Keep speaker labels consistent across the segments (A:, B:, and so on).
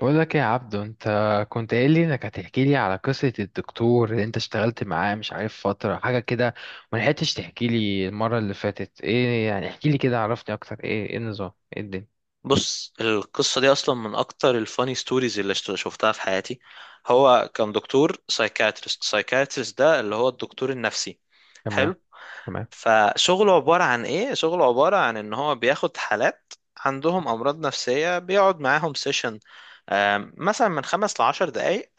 A: بقول لك إيه يا عبدو؟ انت كنت قايل لي انك هتحكي لي على قصة الدكتور اللي انت اشتغلت معاه مش عارف فترة حاجة كده. ما لحقتش تحكي لي المرة اللي فاتت ايه، يعني احكي لي كده، عرفني اكتر. ايه النظام؟ ايه الدنيا؟
B: بص، القصة دي أصلا من أكتر الفاني ستوريز اللي شفتها في حياتي. هو كان دكتور سايكاتريست. سايكاتريست ده اللي هو الدكتور النفسي.
A: تمام.
B: حلو.
A: تمام.
B: فشغله عبارة عن إيه؟ شغله عبارة عن إن هو بياخد حالات عندهم أمراض نفسية، بيقعد معاهم سيشن مثلا من خمس لعشر دقايق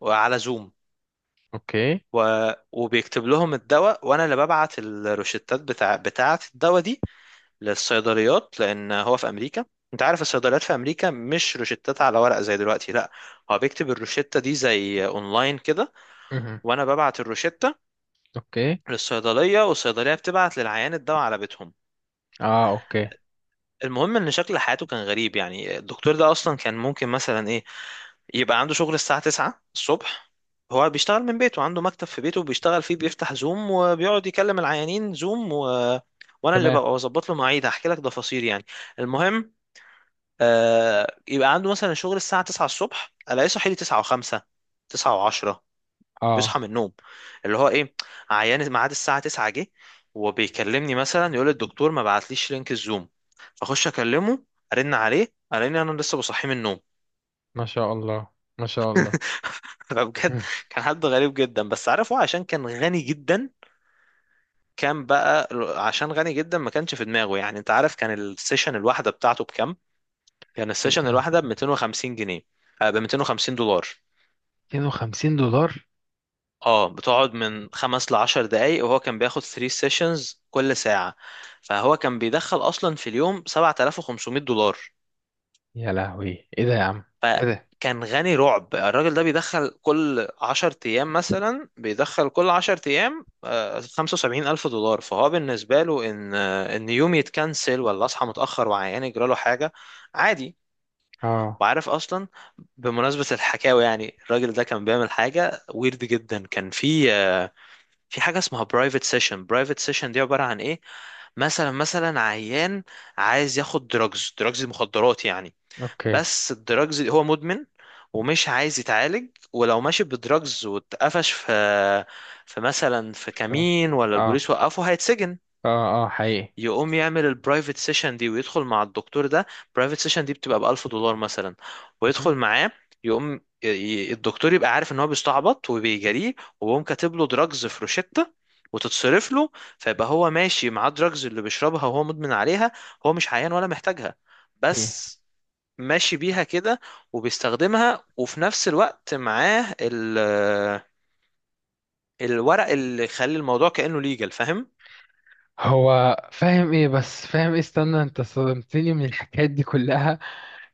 B: وعلى زوم،
A: اوكي.
B: و... وبيكتب لهم الدواء، وأنا اللي ببعت الروشتات بتاعة الدواء دي للصيدليات، لان هو في امريكا. انت عارف الصيدليات في امريكا مش روشتات على ورق زي دلوقتي، لا، هو بيكتب الروشتة دي زي اونلاين كده،
A: مهم.
B: وانا ببعت الروشتة
A: اوكي.
B: للصيدلية، والصيدلية بتبعت للعيان الدواء على بيتهم.
A: اه، اوكي.
B: المهم ان شكل حياته كان غريب، يعني الدكتور ده اصلا كان ممكن مثلا ايه، يبقى عنده شغل الساعة 9 الصبح. هو بيشتغل من بيته، عنده مكتب في بيته بيشتغل فيه، بيفتح زوم وبيقعد يكلم العيانين زوم، وانا اللي
A: تمام.
B: ببقى بظبط له مواعيد، هحكي لك تفاصيل يعني. المهم، يبقى عنده مثلا شغل الساعة 9 الصبح، الاقيه صاحي لي 9 و5، 9 و10،
A: اه،
B: بيصحى من النوم اللي هو ايه، عيان ميعاد الساعة 9 جه وبيكلمني، مثلا يقول الدكتور ما بعتليش لينك الزوم، اخش اكلمه ارن عليه الاقيني انا لسه بصحيه من النوم.
A: ما شاء الله. ما شاء الله.
B: فبجد
A: مم.
B: كان حد غريب جدا، بس عارف، هو عشان كان غني جدا. كان بقى عشان غني جدا ما كانش في دماغه، يعني انت عارف كان السيشن الواحدة بتاعته بكام؟ كان
A: ايه
B: السيشن
A: إيه؟
B: الواحدة ب 250 جنيه، ب 250 دولار.
A: 250 دولار.
B: اه، بتقعد من خمس لعشر دقايق، وهو كان بياخد 3 سيشنز كل ساعة، فهو كان بيدخل أصلا في اليوم 7500 دولار.
A: يا لهوي! ايه ده يا عم؟ ايه ده؟
B: فكان غني رعب، الراجل ده بيدخل كل 10 أيام خمسة وسبعين ألف دولار. فهو بالنسبة له إن يوم يتكنسل ولا أصحى متأخر وعيان يجراله حاجة، عادي.
A: اه،
B: وعارف أصلا، بمناسبة الحكاوي، يعني الراجل ده كان بيعمل حاجة ويرد جدا، كان في حاجة اسمها برايفت سيشن. برايفت سيشن دي عبارة عن ايه، مثلا عيان عايز ياخد دراجز، مخدرات يعني.
A: اوكي.
B: بس الدراجز دي هو مدمن، ومش عايز يتعالج، ولو ماشي بدراجز واتقفش في مثلا في
A: اه.
B: كمين ولا
A: اه.
B: البوليس وقفه، هيتسجن.
A: اه، حقيقي.
B: يقوم يعمل البرايفت سيشن دي ويدخل مع الدكتور ده. برايفت سيشن دي بتبقى ب 1000 دولار مثلا،
A: مهم.
B: ويدخل معاه. يقوم الدكتور يبقى عارف ان هو بيستعبط وبيجاريه، ويقوم كاتب له دراجز في روشتة، وتتصرف له. فيبقى هو ماشي مع الدراجز اللي بيشربها وهو مدمن عليها، هو مش عيان ولا محتاجها، بس ماشي بيها كده وبيستخدمها، وفي نفس الوقت معاه الورق اللي يخلي الموضوع كأنه ليجل، فاهم.
A: هو فاهم ايه؟ بس فاهم ايه؟ استنى، انت صدمتني من الحكايات دي كلها.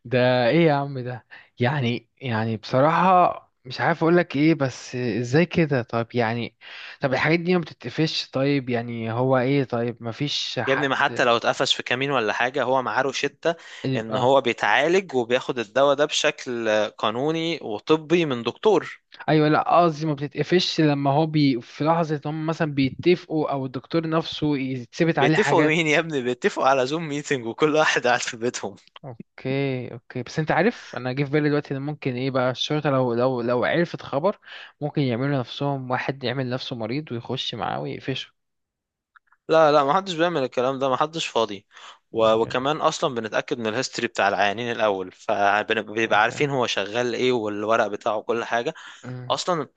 A: ده ايه يا عم ده؟ يعني بصراحة مش عارف اقولك ايه، بس ازاي كده؟ طيب يعني. طب الحاجات دي ما بتتقفش؟ طيب يعني هو ايه؟ طيب ما فيش
B: يا ابني، ما حتى
A: حد؟
B: لو اتقفش في كمين ولا حاجة، هو معاه روشتة ان
A: اه.
B: هو بيتعالج وبياخد الدواء ده بشكل قانوني وطبي من دكتور.
A: ايوه، لا قصدي ما بتتقفش لما هو بي في لحظة هم مثلا بيتفقوا او الدكتور نفسه يتثبت عليه
B: بيتفقوا
A: حاجات.
B: مين يا ابني، بيتفقوا على زوم ميتنج وكل واحد قاعد في بيتهم.
A: اوكي. اوكي. بس انت عارف انا جه في بالي دلوقتي ان ممكن ايه بقى الشرطه، لو عرفت خبر، ممكن يعملوا نفسهم، واحد يعمل نفسه مريض ويخش معاه ويقفشه.
B: لا لا، ما حدش بيعمل الكلام ده، ما حدش فاضي، و...
A: اوكي.
B: وكمان اصلا بنتأكد من الهيستوري بتاع العيانين الاول، فبيبقى
A: اوكي.
B: عارفين هو شغال ايه والورق بتاعه وكل حاجة.
A: أمم،
B: اصلا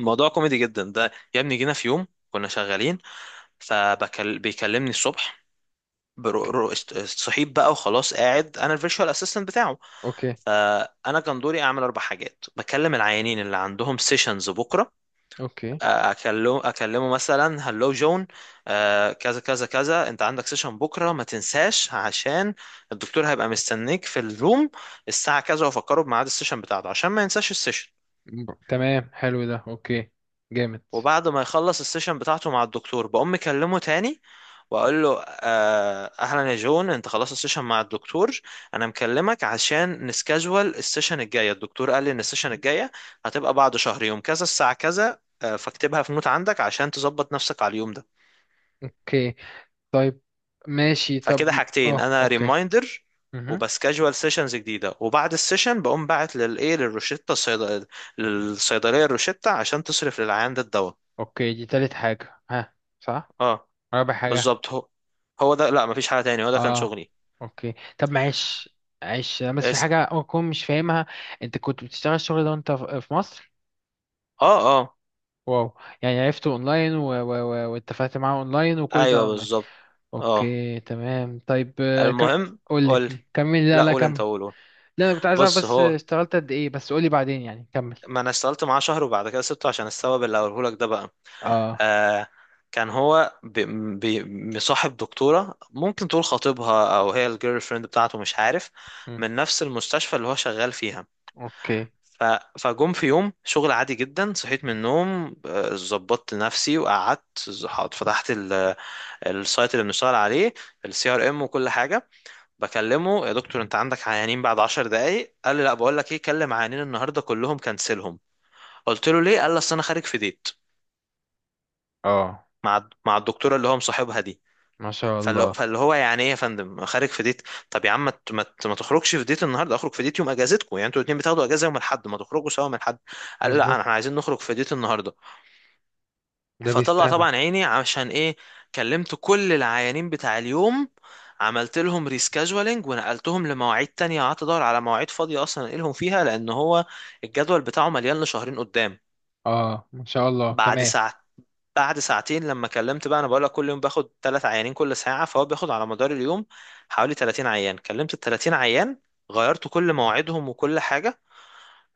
B: الموضوع كوميدي جدا ده، يا ابني جينا في يوم كنا شغالين، فبيكلمني الصبح صحيت بقى وخلاص، قاعد انا الفيرتشوال اسيستنت بتاعه.
A: اوكي.
B: فانا كان دوري اعمل اربع حاجات، بكلم العيانين اللي عندهم سيشنز بكره،
A: اوكي.
B: اكلمه مثلا هلو جون، كذا كذا كذا، انت عندك سيشن بكره ما تنساش، عشان الدكتور هيبقى مستنيك في الروم الساعه كذا، وافكره بميعاد السيشن بتاعته عشان ما ينساش السيشن.
A: تمام، حلو ده. اوكي. جامد.
B: وبعد ما يخلص السيشن بتاعته مع الدكتور، بقوم مكلمه تاني واقول له اهلا يا جون، انت خلصت السيشن مع الدكتور، انا مكلمك عشان نسكاجوال السيشن الجايه، الدكتور قال لي ان السيشن الجايه هتبقى بعد شهر يوم كذا الساعه كذا، فاكتبها في نوت عندك عشان تظبط نفسك على اليوم ده.
A: اوكي، طيب. ماشي طب.
B: فكده حاجتين،
A: اه،
B: انا
A: اوكي.
B: ريمايندر
A: مهم.
B: وبسكاجوال سيشنز جديده، وبعد السيشن بقوم باعت للايه، للروشتة الصيدليه، للصيدليه الروشتة عشان تصرف للعيان ده الدواء.
A: اوكي، دي تالت حاجه، ها؟ صح.
B: اه
A: رابع حاجه.
B: بالظبط، هو ده. لا، مفيش حاجة تاني، هو ده كان
A: اه،
B: شغلي.
A: اوكي. طب معلش. معلش بس في
B: اسأل.
A: حاجة أكون مش فاهمها. أنت كنت بتشتغل الشغل ده وأنت في مصر؟
B: اه. اه
A: واو، يعني عرفته أونلاين واتفقت معاه أونلاين وكل ده
B: ايوه
A: أونلاين.
B: بالظبط. اه،
A: أوكي، تمام. طيب
B: المهم
A: قول لي.
B: قول لي.
A: كمل. لا،
B: لا
A: لا،
B: قول انت،
A: كمل.
B: قول قول.
A: لا، أنا كنت عايز أعرف
B: بص
A: بس
B: هو،
A: اشتغلت قد إيه. بس قول لي بعدين يعني. كمل.
B: ما انا اشتغلت معاه شهر وبعد كده سبته عشان السبب اللي هقوله لك ده بقى.
A: اه.
B: آه كان هو بي بي مصاحب دكتورة، ممكن تقول خطيبها او هي الجيرل فريند بتاعته، مش عارف،
A: مم.
B: من نفس المستشفى اللي هو شغال فيها.
A: أوكي.
B: ف... فجم في يوم شغل عادي جدا، صحيت من النوم، ظبطت نفسي وقعدت، فتحت السايت اللي بنشتغل عليه، الـ CRM وكل حاجه. بكلمه يا دكتور انت عندك عيانين بعد 10 دقائق، قال لي لا، بقول لك ايه، كلم عيانين النهارده كلهم كنسلهم. قلت له ليه، قال لي اصل انا خارج في ديت
A: اه.
B: مع الدكتوره اللي هو مصاحبها دي.
A: ما شاء
B: فاللي
A: الله.
B: فاللي هو يعني ايه يا فندم خارج في ديت، طب يا عم ما تخرجش في ديت النهارده، اخرج في ديت يوم اجازتكم، يعني انتوا الاثنين بتاخدوا اجازه يوم الاحد، ما تخرجوا سوا من الحد. قال لا
A: مظبوط.
B: احنا عايزين نخرج في ديت النهارده.
A: ده
B: فطلع
A: بيستهبل.
B: طبعا عيني، عشان ايه، كلمت كل العيانين بتاع اليوم، عملت لهم ريسكاجولينج ونقلتهم لمواعيد تانية، قعدت ادور على مواعيد فاضية اصلا انقلهم فيها، لان هو الجدول بتاعه مليان لشهرين قدام.
A: اه. ما شاء الله
B: بعد
A: كمان.
B: ساعة، بعد ساعتين، لما كلمت بقى، انا بقول لك كل يوم باخد 3 عيانين كل ساعة، فهو بياخد على مدار اليوم حوالي 30 عيان، كلمت ال 30 عيان، غيرت كل مواعيدهم وكل حاجة.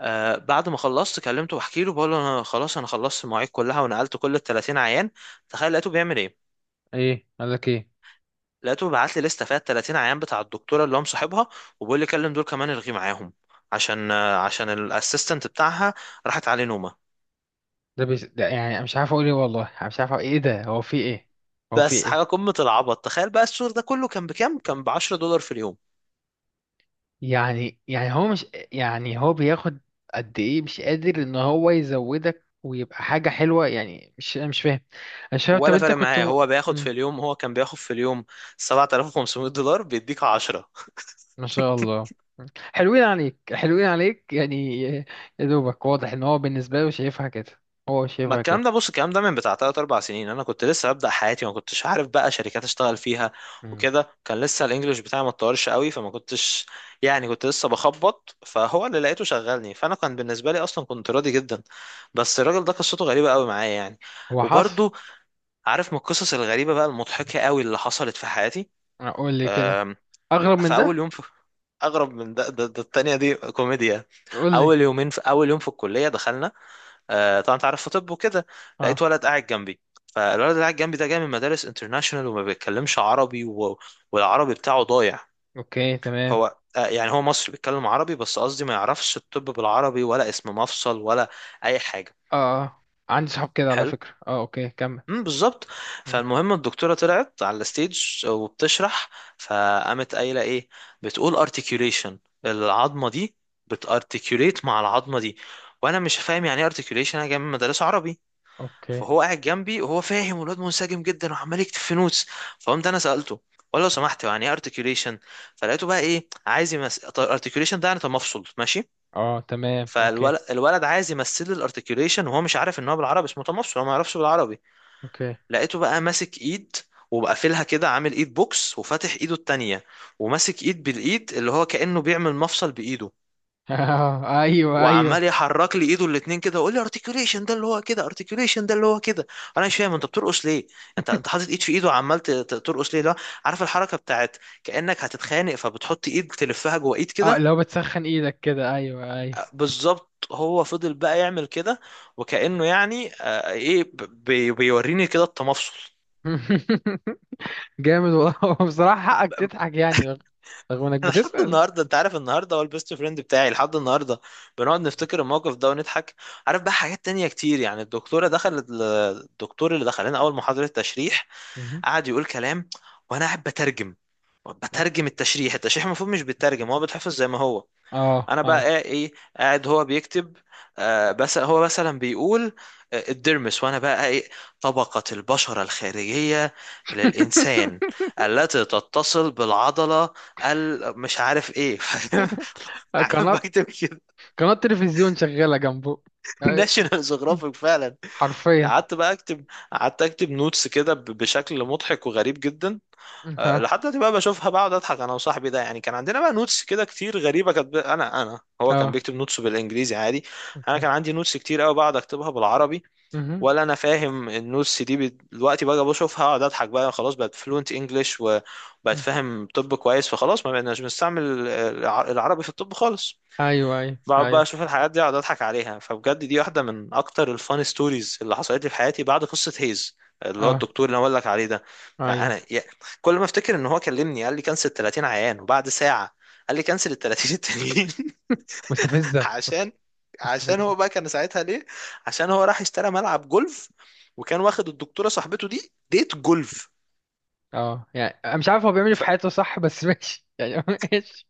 B: بعد ما خلصت كلمته بحكي له، بقول له انا خلاص، انا خلصت المواعيد كلها، ونقلت كل ال 30 عيان. تخيل لقيته بيعمل ايه،
A: إيه قال لك إيه؟
B: لقيته بعت لي لسته فيها 30 عيان بتاع الدكتوره اللي هو مصاحبها، وبيقول لي كلم دول كمان الغي معاهم، عشان الاسيستنت بتاعها راحت عليه نومه.
A: ده يعني أنا مش عارف اقول ايه، والله أنا مش عارف أقول ايه. ده هو في ايه؟ هو في
B: بس
A: ايه؟
B: حاجه قمه العبط، تخيل بقى السور ده كله كان بكام، كان ب 10 دولار في اليوم.
A: يعني هو مش... يعني هو بياخد قد ايه؟ مش قادر ان هو يزودك ويبقى حاجة حلوة يعني؟ مش انا مش فاهم. انا مش فاهم. طب
B: ولا
A: انت
B: فارق
A: كنت
B: معاه، هو بياخد في
A: مم.
B: اليوم، هو كان بياخد في اليوم 7500 دولار بيديك 10.
A: ما شاء الله. حلوين عليك، حلوين عليك يعني. يا دوبك واضح ان هو بالنسبة له شايفها كده. هو
B: ما
A: شايفها كده.
B: الكلام ده، بص الكلام ده من بتاع 3 4 سنين، انا كنت لسه ببدأ حياتي، ما كنتش عارف بقى شركات اشتغل فيها،
A: مم.
B: وكده كان لسه الانجليش بتاعي ما اتطورش قوي، فما كنتش يعني، كنت لسه بخبط، فهو اللي لقيته شغلني، فانا كان بالنسبة لي اصلا كنت راضي جدا. بس الراجل ده قصته غريبة قوي معايا يعني.
A: هو حصل.
B: وبرضو عارف، من القصص الغريبة بقى المضحكة قوي اللي حصلت في حياتي،
A: قول لي كده.
B: أم،
A: اغرب من
B: في اول
A: ده؟
B: يوم في، اغرب من ده، ده، ده التانية دي كوميديا.
A: قول لي.
B: اول يومين، في اول يوم في الكلية، دخلنا، طبعا انت عارف في طب وكده، لقيت
A: اه،
B: ولد قاعد جنبي. فالولد اللي قاعد جنبي ده جاي من مدارس انترناشونال، وما بيتكلمش عربي، و... والعربي بتاعه ضايع.
A: اوكي، تمام.
B: هو يعني هو مصري بيتكلم عربي، بس قصدي ما يعرفش الطب بالعربي ولا اسم مفصل ولا اي حاجه.
A: اه، اه، عندي صحاب كده على
B: حلو.
A: فكرة. اه، اوكي، كمل.
B: بالظبط.
A: مم.
B: فالمهم الدكتوره طلعت على الستيج وبتشرح، فقامت قايله ايه، بتقول ارتكيوليشن العظمه دي بتارتكيوليت مع العظمه دي، وانا مش فاهم يعني ايه ارتكيوليشن، انا جاي من مدارس عربي.
A: اوكي.
B: فهو قاعد جنبي وهو فاهم، والواد منسجم جدا وعمال يكتب في نوتس. فقمت انا سالته، ولا لو سمحت يعني ايه ارتكيوليشن، فلقيته بقى ايه عايز يمثل ارتكيوليشن ده يعني تمفصل، ماشي.
A: اه. تمام. اوكي.
B: الولد عايز يمثل لي الارتكيوليشن وهو مش عارف ان هو بالعربي اسمه تمفصل، هو ما يعرفش بالعربي.
A: اوكي.
B: لقيته بقى ماسك ايد، وبقى قافلها كده عامل ايد بوكس وفاتح ايده التانية، وماسك ايد بالايد، اللي هو كأنه بيعمل مفصل بايده.
A: آه، ايوه ايوه.
B: وعمال يحرك لي ايده الاتنين كده ويقول لي ارتكيوليشن ده اللي هو كده، ارتكيوليشن ده اللي هو كده، انا مش فاهم انت بترقص ليه. انت انت حاطط ايد في ايده وعمال ترقص ليه، لا. عارف الحركه بتاعت، كانك هتتخانق فبتحط ايد تلفها جوه ايد
A: اه،
B: كده.
A: لو بتسخن ايدك كده، ايوه ايوه.
B: بالظبط، هو فضل بقى يعمل كده، وكانه يعني، ايه، بيوريني كده التمفصل.
A: جامد والله. بصراحة حقك تضحك يعني، رغم انك
B: انا لحد
A: بتسأل.
B: النهارده، انت عارف النهارده هو البيست فريند بتاعي، لحد النهارده بنقعد نفتكر الموقف ده ونضحك. عارف بقى حاجات تانية كتير يعني، الدكتوره دخلت، الدكتور اللي دخل لنا اول محاضره تشريح،
A: مهم.
B: قعد يقول كلام، وانا قاعد بترجم. بترجم التشريح، التشريح المفروض مش بيترجم، هو بيتحفظ زي ما هو.
A: اه،
B: انا بقى
A: ايوه.
B: ايه، قاعد هو بيكتب، بس هو مثلا بيقول الدرمس، وانا بقى ايه، طبقة البشرة الخارجية للانسان التي تتصل بالعضلة، مش عارف ايه، فاهم؟ قاعد
A: قناة.
B: بكتب كده،
A: قناة تلفزيون شغالة جنبه. ايوه،
B: ناشونال جيوغرافيك فعلا.
A: حرفيا.
B: قعدت بقى اكتب، قعدت اكتب نوتس كده بشكل مضحك وغريب جدا.
A: ها.
B: لحد دلوقتي بقى بشوفها بقعد اضحك انا وصاحبي ده يعني، كان عندنا بقى نوتس كده كتير غريبه كانت انا انا هو كان
A: اه،
B: بيكتب نوتس بالانجليزي عادي، انا
A: اوكي.
B: كان عندي نوتس كتير قوي بقعد اكتبها بالعربي،
A: مهم.
B: ولا انا فاهم النوتس دي دلوقتي بقى بشوفها اقعد اضحك، بقى خلاص بقت فلوينت انجلش وبقت فاهم طب كويس، فخلاص ما بقناش بنستعمل العربي في الطب خالص.
A: ايوه، ايوه،
B: بقعد بقى
A: ايوه.
B: اشوف الحاجات دي اقعد اضحك عليها، فبجد دي واحده من اكتر الفان ستوريز اللي حصلت لي في حياتي بعد قصه هيز، اللي هو
A: اه،
B: الدكتور اللي انا بقول لك عليه ده. يعني
A: ايوه.
B: انا كل ما افتكر ان هو كلمني قال لي كنسل 30 عيان، وبعد ساعه قال لي كنسل ال 30 التانيين.
A: مستفزة بس.
B: عشان،
A: مستفزة.
B: هو بقى كان ساعتها ليه، عشان هو راح اشترى ملعب جولف، وكان واخد الدكتوره صاحبته دي ديت جولف.
A: اه، يعني أنا مش عارف هو بيعمل إيه في حياته. صح، بس ماشي يعني. ماشي.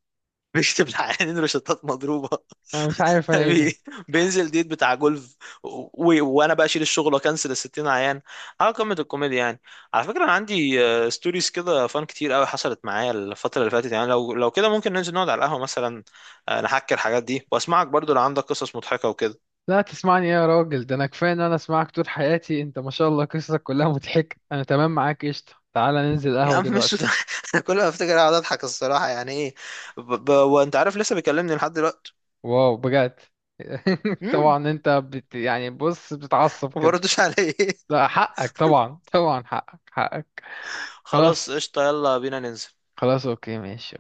B: فبيكتب للعيانين روشتات مضروبه،
A: انا مش عارف انا، ايه ده؟
B: بي- بينزل ديت بتاع جولف، وانا بقى اشيل الشغل واكنسل ال 60 عيان، على قمه الكوميديا يعني. على فكره انا عندي، ستوريز كده فان كتير قوي حصلت معايا الفتره اللي فاتت يعني، لو كده ممكن ننزل نقعد على القهوه مثلا، نحكي الحاجات دي واسمعك برضو لو عندك قصص مضحكه وكده.
A: لا، تسمعني إيه يا راجل؟ ده انا كفايه ان انا اسمعك طول حياتي. انت ما شاء الله قصصك كلها مضحكه. انا تمام معاك، قشطه، تعالى ننزل
B: يا
A: قهوه
B: عم مش
A: دلوقتي.
B: ده، انا كل ما افتكر اقعد اضحك، الصراحه يعني ايه، وانت عارف لسه بيكلمني لحد دلوقتي.
A: واو، بجد.
B: امم.
A: طبعا انت بت يعني، بص بتتعصب
B: ما
A: كده.
B: بردش عليه.
A: لا، حقك طبعا، طبعا حقك، حقك.
B: خلاص
A: خلاص.
B: قشطه، يلا بينا ننزل.
A: خلاص، اوكي، ماشي.